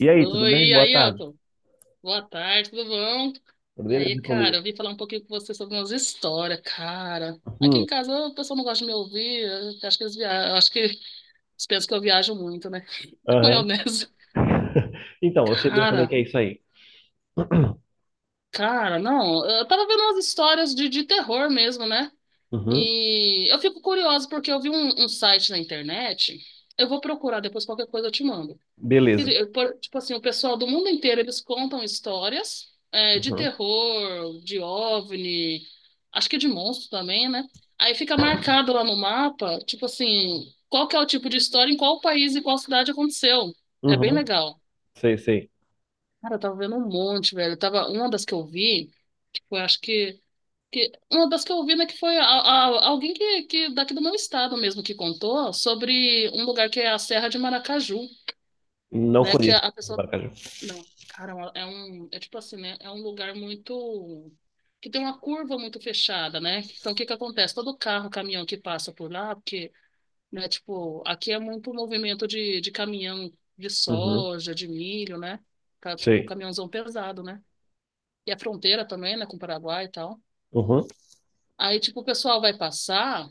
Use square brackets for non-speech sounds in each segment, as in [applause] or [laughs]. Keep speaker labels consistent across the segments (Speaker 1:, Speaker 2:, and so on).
Speaker 1: E aí, tudo bem?
Speaker 2: Oi,
Speaker 1: Boa
Speaker 2: aí,
Speaker 1: tarde.
Speaker 2: Elton. Boa tarde, tudo bom?
Speaker 1: Tudo
Speaker 2: E aí,
Speaker 1: beleza
Speaker 2: cara,
Speaker 1: comigo?
Speaker 2: eu vim falar um pouquinho com você sobre umas histórias, cara. Aqui em
Speaker 1: Hum,
Speaker 2: casa o pessoal não gosta de me ouvir, eu acho que eles viajam, eu acho que eles pensam que eu viajo muito, né? [laughs]
Speaker 1: aham.
Speaker 2: Maionese.
Speaker 1: [laughs] Então, eu sei bem como é que
Speaker 2: Cara,
Speaker 1: é isso aí. [coughs] [clears throat]
Speaker 2: cara, não, eu tava vendo umas histórias de terror mesmo, né?
Speaker 1: Uhum,
Speaker 2: E eu fico curiosa porque eu vi um site na internet, eu vou procurar depois qualquer coisa eu te mando.
Speaker 1: beleza.
Speaker 2: Tipo assim, o pessoal do mundo inteiro, eles contam histórias é, de
Speaker 1: Uhum,
Speaker 2: terror, de OVNI, acho que de monstro também, né? Aí fica marcado lá no mapa, tipo assim, qual que é o tipo de história, em qual país e qual cidade aconteceu. É bem
Speaker 1: uhum,
Speaker 2: legal.
Speaker 1: sei, sei.
Speaker 2: Cara, eu tava vendo um monte, velho. Eu tava, uma das que eu vi, foi, acho que... Uma das que eu vi, né, que foi alguém que daqui do meu estado mesmo que contou sobre um lugar que é a Serra de Maracaju,
Speaker 1: Não
Speaker 2: né? Que a,
Speaker 1: conheço
Speaker 2: a
Speaker 1: o
Speaker 2: pessoa.
Speaker 1: Maracaju.
Speaker 2: Não, cara, é um, é tipo assim, né? É um lugar muito que tem uma curva muito fechada, né? Então, o que que acontece? Todo carro, caminhão que passa por lá, porque, né, tipo, aqui é muito movimento de caminhão de
Speaker 1: Uhum,
Speaker 2: soja, de milho, né? Tá, tipo,
Speaker 1: sei.
Speaker 2: caminhãozão pesado, né? E a fronteira também, né, com o Paraguai e tal.
Speaker 1: Uhum,
Speaker 2: Aí, tipo, o pessoal vai passar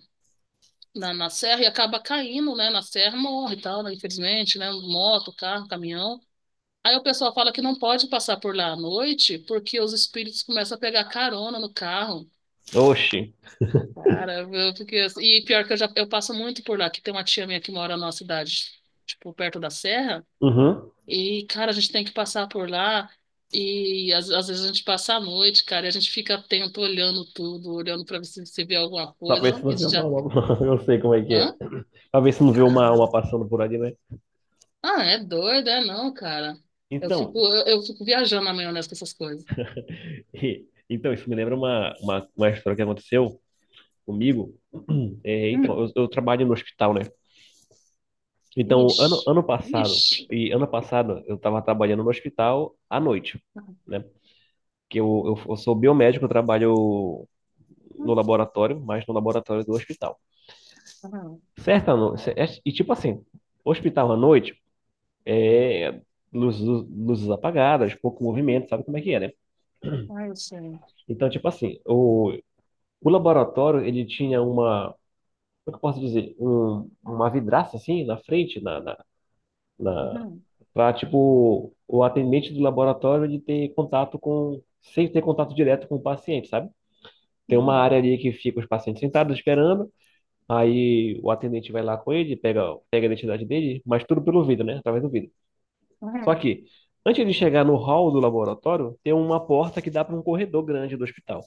Speaker 2: na serra e acaba caindo, né? Na serra morre e tal, né? Infelizmente, né? Moto, carro, caminhão. Aí o pessoal fala que não pode passar por lá à noite porque os espíritos começam a pegar carona no carro.
Speaker 1: oxi.
Speaker 2: Cara, eu fiquei assim. E pior que eu passo muito por lá, que tem uma tia minha que mora na nossa cidade, tipo, perto da serra.
Speaker 1: Uhum,
Speaker 2: E, cara, a gente tem que passar por lá. E às vezes a gente passa a noite, cara, e a gente fica atento, olhando tudo, olhando pra ver se vê alguma
Speaker 1: pra ver
Speaker 2: coisa.
Speaker 1: se não vê
Speaker 2: Isso
Speaker 1: uma,
Speaker 2: já.
Speaker 1: uma- [laughs] Eu sei como é que é.
Speaker 2: Hã?
Speaker 1: Pra ver se não vê uma
Speaker 2: Cara.
Speaker 1: passando por ali, né?
Speaker 2: Ah, é doido, é não, cara. Eu
Speaker 1: Então,
Speaker 2: fico,
Speaker 1: isso.
Speaker 2: eu, eu fico viajando na maionese com essas coisas.
Speaker 1: [laughs] Então, isso me lembra uma história que aconteceu comigo. [coughs] [clears throat] É, então,
Speaker 2: Hum.
Speaker 1: eu trabalho no hospital, né? Então,
Speaker 2: Ixi,
Speaker 1: ano, ano passado,
Speaker 2: ixi.
Speaker 1: e ano passado eu estava trabalhando no hospital à noite,
Speaker 2: [laughs]
Speaker 1: né? Que eu sou biomédico, eu trabalho no
Speaker 2: Uhum,
Speaker 1: laboratório, mas no laboratório do hospital.
Speaker 2: uhum.
Speaker 1: Certa noite, e tipo assim, hospital à noite, é, luzes, luzes apagadas, pouco movimento, sabe como é que é, né?
Speaker 2: Ai, gente.
Speaker 1: Então, tipo assim, o laboratório, ele tinha uma, como é que eu posso dizer? Uma vidraça assim na frente, na, na, na
Speaker 2: Uhum,
Speaker 1: para tipo o atendente do laboratório ele ter contato com sem ter contato direto com o paciente, sabe? Tem uma
Speaker 2: uhum,
Speaker 1: área ali que fica os pacientes sentados esperando, aí o atendente vai lá com ele, pega a identidade dele, mas tudo pelo vidro, né? Através do vidro. Só
Speaker 2: uhum,
Speaker 1: que antes de chegar no hall do laboratório, tem uma porta que dá para um corredor grande do hospital.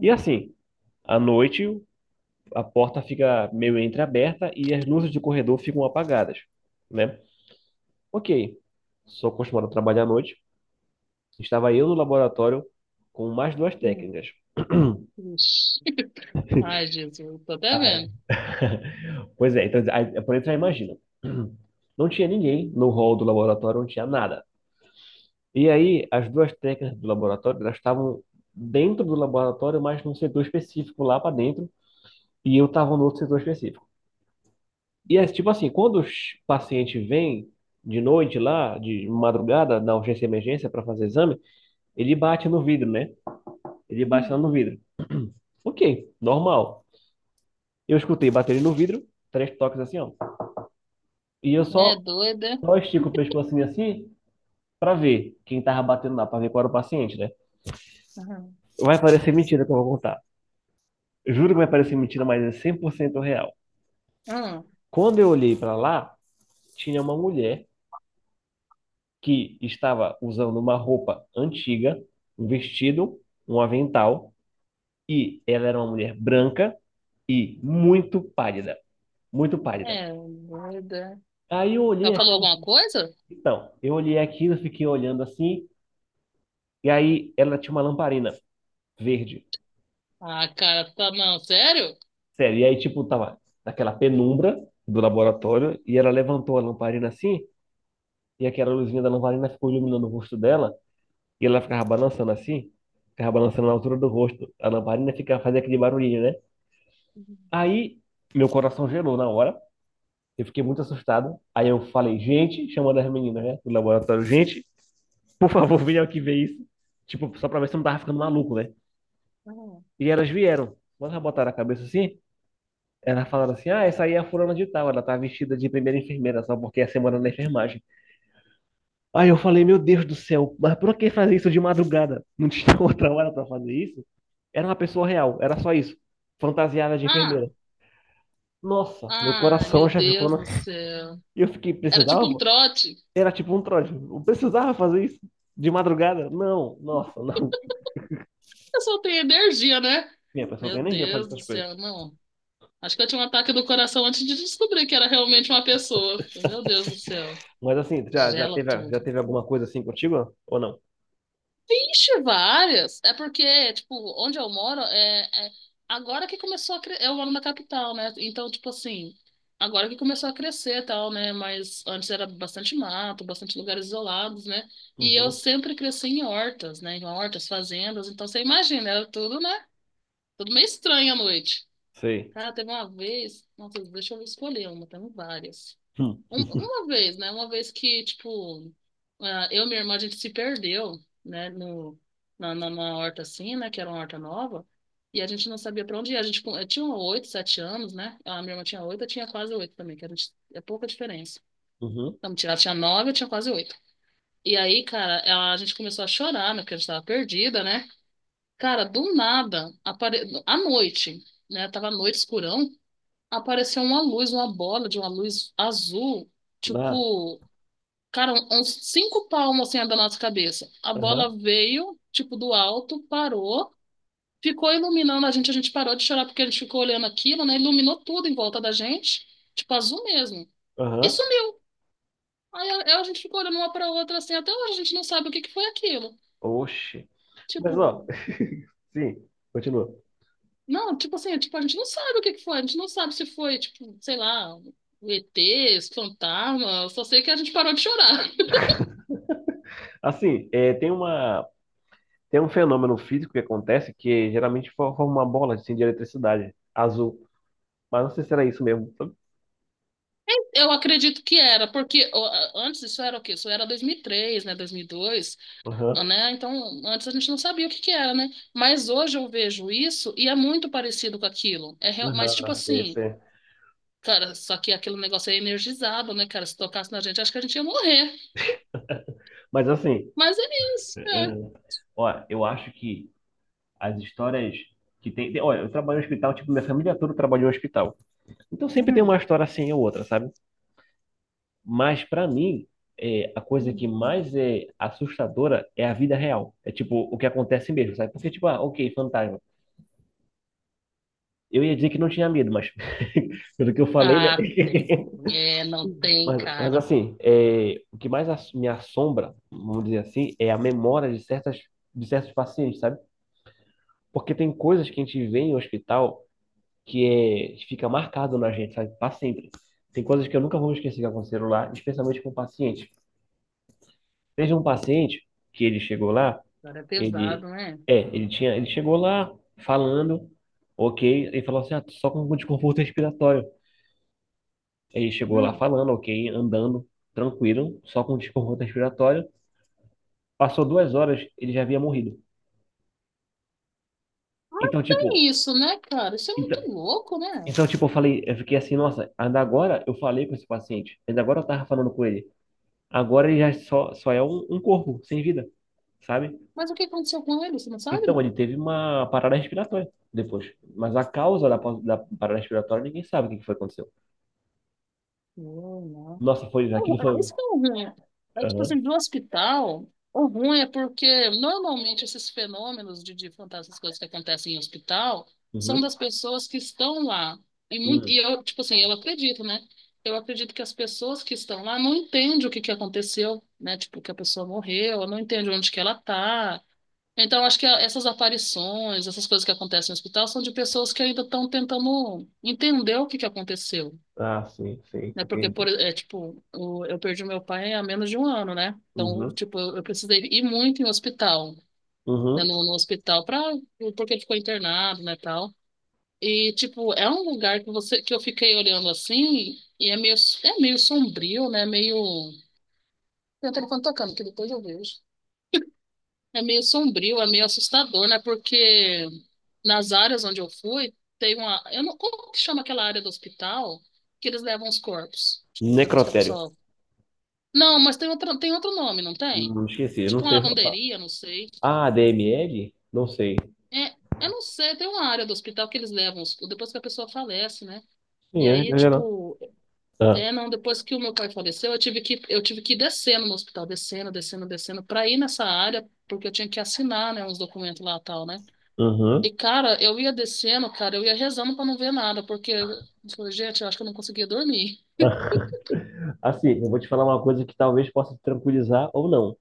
Speaker 1: E assim, à noite, a porta fica meio entreaberta e as luzes de corredor ficam apagadas, né? Ok, sou acostumado a trabalhar à noite. Estava eu no laboratório com mais duas
Speaker 2: uhum.
Speaker 1: técnicas.
Speaker 2: Ixi. [laughs] Ai, Jesus, tô até
Speaker 1: Ah, é.
Speaker 2: vendo.
Speaker 1: [laughs] Pois é, então, aí, por dentro já imagina. [clears throat] Não tinha ninguém no hall do laboratório, não tinha nada. E aí, as duas técnicas do laboratório, elas estavam dentro do laboratório, mas num setor específico lá para dentro, e eu estava no outro setor específico. E é tipo assim, quando os pacientes vêm de noite lá, de madrugada, na urgência e emergência para fazer exame, ele bate no vidro, né? Ele bate lá
Speaker 2: Uhum.
Speaker 1: no vidro. Ok, normal. Eu escutei baterem no vidro, três toques assim, ó. E eu
Speaker 2: É
Speaker 1: só,
Speaker 2: doida.
Speaker 1: só estico o pescoço assim, assim, pra ver quem tava batendo lá, pra ver qual era o paciente, né?
Speaker 2: Uhum.
Speaker 1: Vai parecer mentira que eu vou contar. Juro que vai parecer mentira, mas é 100% real.
Speaker 2: Uhum.
Speaker 1: Quando eu olhei pra lá, tinha uma mulher que estava usando uma roupa antiga, um vestido, um avental, e ela era uma mulher branca e muito pálida, muito pálida.
Speaker 2: É doida.
Speaker 1: Aí eu olhei
Speaker 2: Ela falou
Speaker 1: aqui,
Speaker 2: alguma coisa?
Speaker 1: então, eu olhei aquilo, fiquei olhando assim. E aí ela tinha uma lamparina verde.
Speaker 2: Ah, cara, tá não, sério?
Speaker 1: Sério. E aí, tipo, tava naquela penumbra do laboratório e ela levantou a lamparina assim e aquela luzinha da lamparina ficou iluminando o rosto dela e ela ficava balançando assim. Ficava balançando na altura do rosto. A lamparina ficava fazendo aquele barulhinho, né? Aí meu coração gelou na hora. Eu fiquei muito assustado. Aí eu falei, gente, chamando as meninas, né, do laboratório, gente, por favor, venham aqui ver isso. Tipo, só pra ver se eu não tava ficando maluco, né?
Speaker 2: Uhum.
Speaker 1: E elas vieram. Quando elas botaram a cabeça assim, ela falando assim, ah, essa aí é a fulana de tal, ela tá vestida de primeira enfermeira, só porque é semana na enfermagem. Aí eu falei, meu Deus do céu, mas por que fazer isso de madrugada? Não tinha [laughs] outra hora pra fazer isso? Era uma pessoa real, era só isso. Fantasiada de
Speaker 2: Ah,
Speaker 1: enfermeira. Nossa, meu
Speaker 2: ai,
Speaker 1: coração
Speaker 2: meu
Speaker 1: já ficou
Speaker 2: Deus
Speaker 1: na...
Speaker 2: do
Speaker 1: [laughs]
Speaker 2: céu.
Speaker 1: E eu fiquei,
Speaker 2: Era tipo um
Speaker 1: precisava?
Speaker 2: trote.
Speaker 1: Era tipo um trote. Não precisava fazer isso? De madrugada? Não, nossa, não.
Speaker 2: Eu só tenho energia, né?
Speaker 1: [laughs] Minha pessoa não
Speaker 2: Meu
Speaker 1: tem energia pra fazer
Speaker 2: Deus do
Speaker 1: essas coisas.
Speaker 2: céu, não. Acho que eu tinha um ataque do coração antes de descobrir que era realmente uma pessoa. Meu Deus do céu.
Speaker 1: Mas assim, já,
Speaker 2: Gela
Speaker 1: já
Speaker 2: tudo.
Speaker 1: teve alguma coisa assim contigo? Ou não?
Speaker 2: Vixe, várias. É porque, tipo, onde eu moro, agora que começou a crescer. Eu moro na capital, né? Então, tipo assim, agora que começou a crescer e tal, né? Mas antes era bastante mato, bastante lugares isolados, né? E eu
Speaker 1: Uhum.
Speaker 2: sempre cresci em hortas, né? Em hortas, fazendas. Então, você imagina, era tudo, né? Tudo meio estranho à noite.
Speaker 1: Sei.
Speaker 2: Cara, teve uma vez. Nossa, deixa eu escolher uma, temos várias.
Speaker 1: Hum.
Speaker 2: Uma vez, né? Uma vez que, tipo, ah, eu e minha irmã, a gente se perdeu, né? No, na, na, na horta assim, né? Que era uma horta nova. E a gente não sabia pra onde ir. Eu tinha oito, sete anos, né? A minha irmã tinha oito, eu tinha quase oito também, que a gente, é pouca diferença.
Speaker 1: Uhum.
Speaker 2: Então, ela tinha nove, eu tinha quase oito. E aí, cara, a gente começou a chorar, né? Porque a gente tava perdida, né? Cara, do nada, à noite, né? Tava à noite, escurão, apareceu uma luz, uma bola de uma luz azul,
Speaker 1: Ah.
Speaker 2: tipo. Cara, uns cinco palmos assim da nossa cabeça. A bola
Speaker 1: Aham.
Speaker 2: veio, tipo, do alto, parou, ficou iluminando a gente. A gente parou de chorar porque a gente ficou olhando aquilo, né? Iluminou tudo em volta da gente, tipo, azul mesmo. E
Speaker 1: Aham.
Speaker 2: sumiu. Aí a gente ficou olhando uma pra outra assim, até hoje a gente não sabe o que que foi aquilo.
Speaker 1: Oxe. Mas, ó,
Speaker 2: Tipo,
Speaker 1: [laughs] sim, continua.
Speaker 2: não, tipo assim, tipo, a gente não sabe o que que foi, a gente não sabe se foi, tipo, sei lá, o ET, esse fantasma, eu só sei que a gente parou de chorar.
Speaker 1: Assim, é, tem uma, tem um fenômeno físico que acontece que geralmente forma uma bola assim, de eletricidade azul. Mas não sei se era isso mesmo, sabe?
Speaker 2: Eu acredito que era, porque ó, antes isso era o quê? Isso era 2003, né, 2002,
Speaker 1: Aham,
Speaker 2: né? Então, antes a gente não sabia o que que era, né? Mas hoje eu vejo isso e é muito parecido com aquilo. É, mas tipo
Speaker 1: aham, sei,
Speaker 2: assim,
Speaker 1: sei.
Speaker 2: cara, só que aquele negócio é energizado, né, cara? Se tocasse na gente, acho que a gente ia morrer.
Speaker 1: Mas, assim,
Speaker 2: Mas é isso, né?
Speaker 1: aham. Olha, eu acho que as histórias que Olha, eu trabalho no hospital, tipo, minha família toda trabalhou em hospital. Então sempre tem uma
Speaker 2: Uhum,
Speaker 1: história assim ou outra, sabe? Mas para mim, é, a coisa que
Speaker 2: uhum.
Speaker 1: mais é assustadora é a vida real. É tipo o que acontece mesmo, sabe? Porque tipo, ah, ok, fantasma. Eu ia dizer que não tinha medo, mas [laughs] pelo que eu falei, né?
Speaker 2: Ah, tem.
Speaker 1: [laughs]
Speaker 2: É, não tem,
Speaker 1: Mas
Speaker 2: cara.
Speaker 1: assim, é, o que mais me assombra, vamos dizer assim, é a memória de certas, de certos pacientes, sabe? Porque tem coisas que a gente vê em hospital que é, fica marcado na gente, sabe? Para sempre. Tem coisas que eu nunca vou esquecer que aconteceram lá, especialmente com pacientes. Teve um paciente que ele chegou lá
Speaker 2: Cara, é
Speaker 1: Ele,
Speaker 2: pesado, né?
Speaker 1: é, ele tinha, ele chegou lá falando, ok, ele falou assim, ah, só com um desconforto respiratório. Ele chegou lá
Speaker 2: Hum.
Speaker 1: falando, ok, andando, tranquilo, só com um desconforto respiratório. Passou 2 horas, ele já havia morrido.
Speaker 2: Mas
Speaker 1: Então, tipo,
Speaker 2: tem isso, né, cara? Isso é
Speaker 1: então,
Speaker 2: muito louco, né?
Speaker 1: então, tipo, eu falei, eu fiquei assim, nossa, ainda agora eu falei com esse paciente, ainda agora eu tava falando com ele. Agora ele já só é um corpo sem vida, sabe?
Speaker 2: Mas o que aconteceu com ele? Você não sabe,
Speaker 1: Então,
Speaker 2: não?
Speaker 1: ele teve uma parada respiratória depois. Mas a causa da parada respiratória ninguém sabe o que que foi que aconteceu.
Speaker 2: Não, não.
Speaker 1: Nossa, foi, aquilo
Speaker 2: É,
Speaker 1: foi.
Speaker 2: isso que é o ruim. É tipo
Speaker 1: Aham.
Speaker 2: assim, do hospital, o ruim é porque normalmente esses fenômenos de fantasmas, essas coisas que acontecem em hospital, são
Speaker 1: Uhum.
Speaker 2: das pessoas que estão lá. E, muito,
Speaker 1: Hum.
Speaker 2: e eu, tipo assim, eu acredito, né? Eu acredito que as pessoas que estão lá não entendem o que que aconteceu, né? Tipo, que a pessoa morreu, não entende onde que ela tá. Então, acho que essas aparições, essas coisas que acontecem no hospital, são de pessoas que ainda estão tentando entender o que que aconteceu,
Speaker 1: Ah, sim, sim,
Speaker 2: né? Porque,
Speaker 1: entendi.
Speaker 2: é, tipo, eu perdi meu pai há menos de um ano, né? Então,
Speaker 1: Uhum.
Speaker 2: tipo, eu precisei ir muito em hospital, né?
Speaker 1: Uhum.
Speaker 2: No hospital, pra, porque ele ficou internado, né, tal. E, tipo, é um lugar que você, que eu fiquei olhando assim, e é meio, sombrio, né? Meio... Tem o telefone tocando, que depois eu vejo. É meio sombrio, é meio assustador, né? Porque nas áreas onde eu fui, tem uma... Eu não, como que chama aquela área do hospital que eles levam os corpos? Tipo, depois que a
Speaker 1: Necrotério.
Speaker 2: pessoa. Não, mas tem outro nome, não tem?
Speaker 1: Esqueci, eu não
Speaker 2: Tipo uma
Speaker 1: sei se eu falo.
Speaker 2: lavanderia, não sei.
Speaker 1: Ah, DML? Não sei.
Speaker 2: É, eu não sei, tem uma área do hospital que eles levam depois que a pessoa falece, né? E
Speaker 1: Sim, é
Speaker 2: aí,
Speaker 1: geral.
Speaker 2: tipo,
Speaker 1: Ah,
Speaker 2: é, não, depois que o meu pai faleceu, eu tive que ir descendo no hospital, descendo, descendo, descendo, pra ir nessa área, porque eu tinha que assinar, né, uns documentos lá e tal, né?
Speaker 1: uhum.
Speaker 2: E, cara, eu ia descendo, cara, eu ia rezando pra não ver nada, porque, eu falei, gente, eu acho que eu não conseguia dormir.
Speaker 1: [laughs] Assim, eu vou te falar uma coisa que talvez possa te tranquilizar ou não,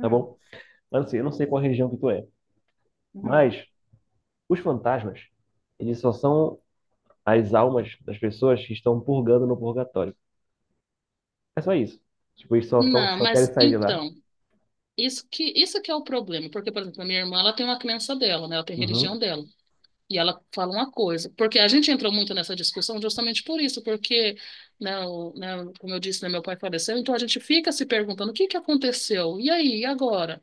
Speaker 1: tá bom? Mas assim, eu não sei qual região que tu é,
Speaker 2: uhum.
Speaker 1: mas os fantasmas, eles só são as almas das pessoas que estão purgando no purgatório. É só isso. Tipo, eles só, são,
Speaker 2: Não,
Speaker 1: só querem
Speaker 2: mas
Speaker 1: sair de lá.
Speaker 2: então. Isso que é o problema, porque, por exemplo, a minha irmã, ela tem uma crença dela, né? Ela tem a religião
Speaker 1: Uhum,
Speaker 2: dela. E ela fala uma coisa, porque a gente entrou muito nessa discussão justamente por isso, porque, né, né, como eu disse, né, meu pai faleceu, então a gente fica se perguntando o que que aconteceu? E aí, e agora?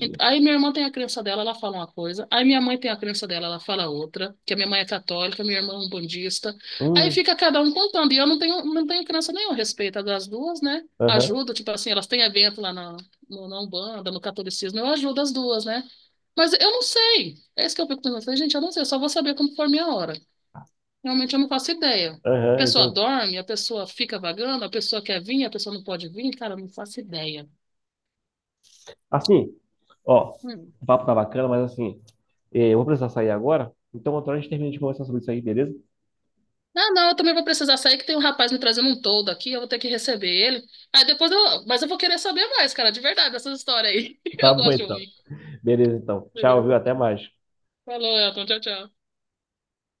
Speaker 2: Aí minha irmã tem a crença dela, ela fala uma coisa. Aí minha mãe tem a crença dela, ela fala outra. Que a minha mãe é católica, minha irmã é umbandista. Aí
Speaker 1: Hum,
Speaker 2: fica cada um contando. E eu não tenho crença nenhuma a respeito das duas, né?
Speaker 1: aham,
Speaker 2: Ajudo, tipo assim, elas têm evento lá na Umbanda, no catolicismo. Eu ajudo as duas, né? Mas eu não sei. É isso que eu fico pensando. Eu falei, gente, eu não sei, eu só vou saber quando for minha hora. Realmente eu não faço ideia. A
Speaker 1: aham,
Speaker 2: pessoa
Speaker 1: entendi.
Speaker 2: dorme, a pessoa fica vagando, a pessoa quer vir, a pessoa não pode vir. Cara, eu não faço ideia.
Speaker 1: Assim, ó,
Speaker 2: Hum.
Speaker 1: o papo tá bacana, mas assim, eu vou precisar sair agora. Então, outra hora a gente termina de conversar sobre isso aí, beleza?
Speaker 2: Não, não, eu também vou precisar sair, que tem um rapaz me trazendo um toldo aqui, eu vou ter que receber ele. Aí depois eu. Mas eu vou querer saber mais, cara, de verdade, essas histórias aí. [laughs]
Speaker 1: Tá
Speaker 2: Eu
Speaker 1: bom
Speaker 2: gosto de
Speaker 1: então.
Speaker 2: ouvir.
Speaker 1: Beleza, então. Tchau, viu?
Speaker 2: Beleza.
Speaker 1: Até mais.
Speaker 2: Falou, Elton. Tchau, tchau.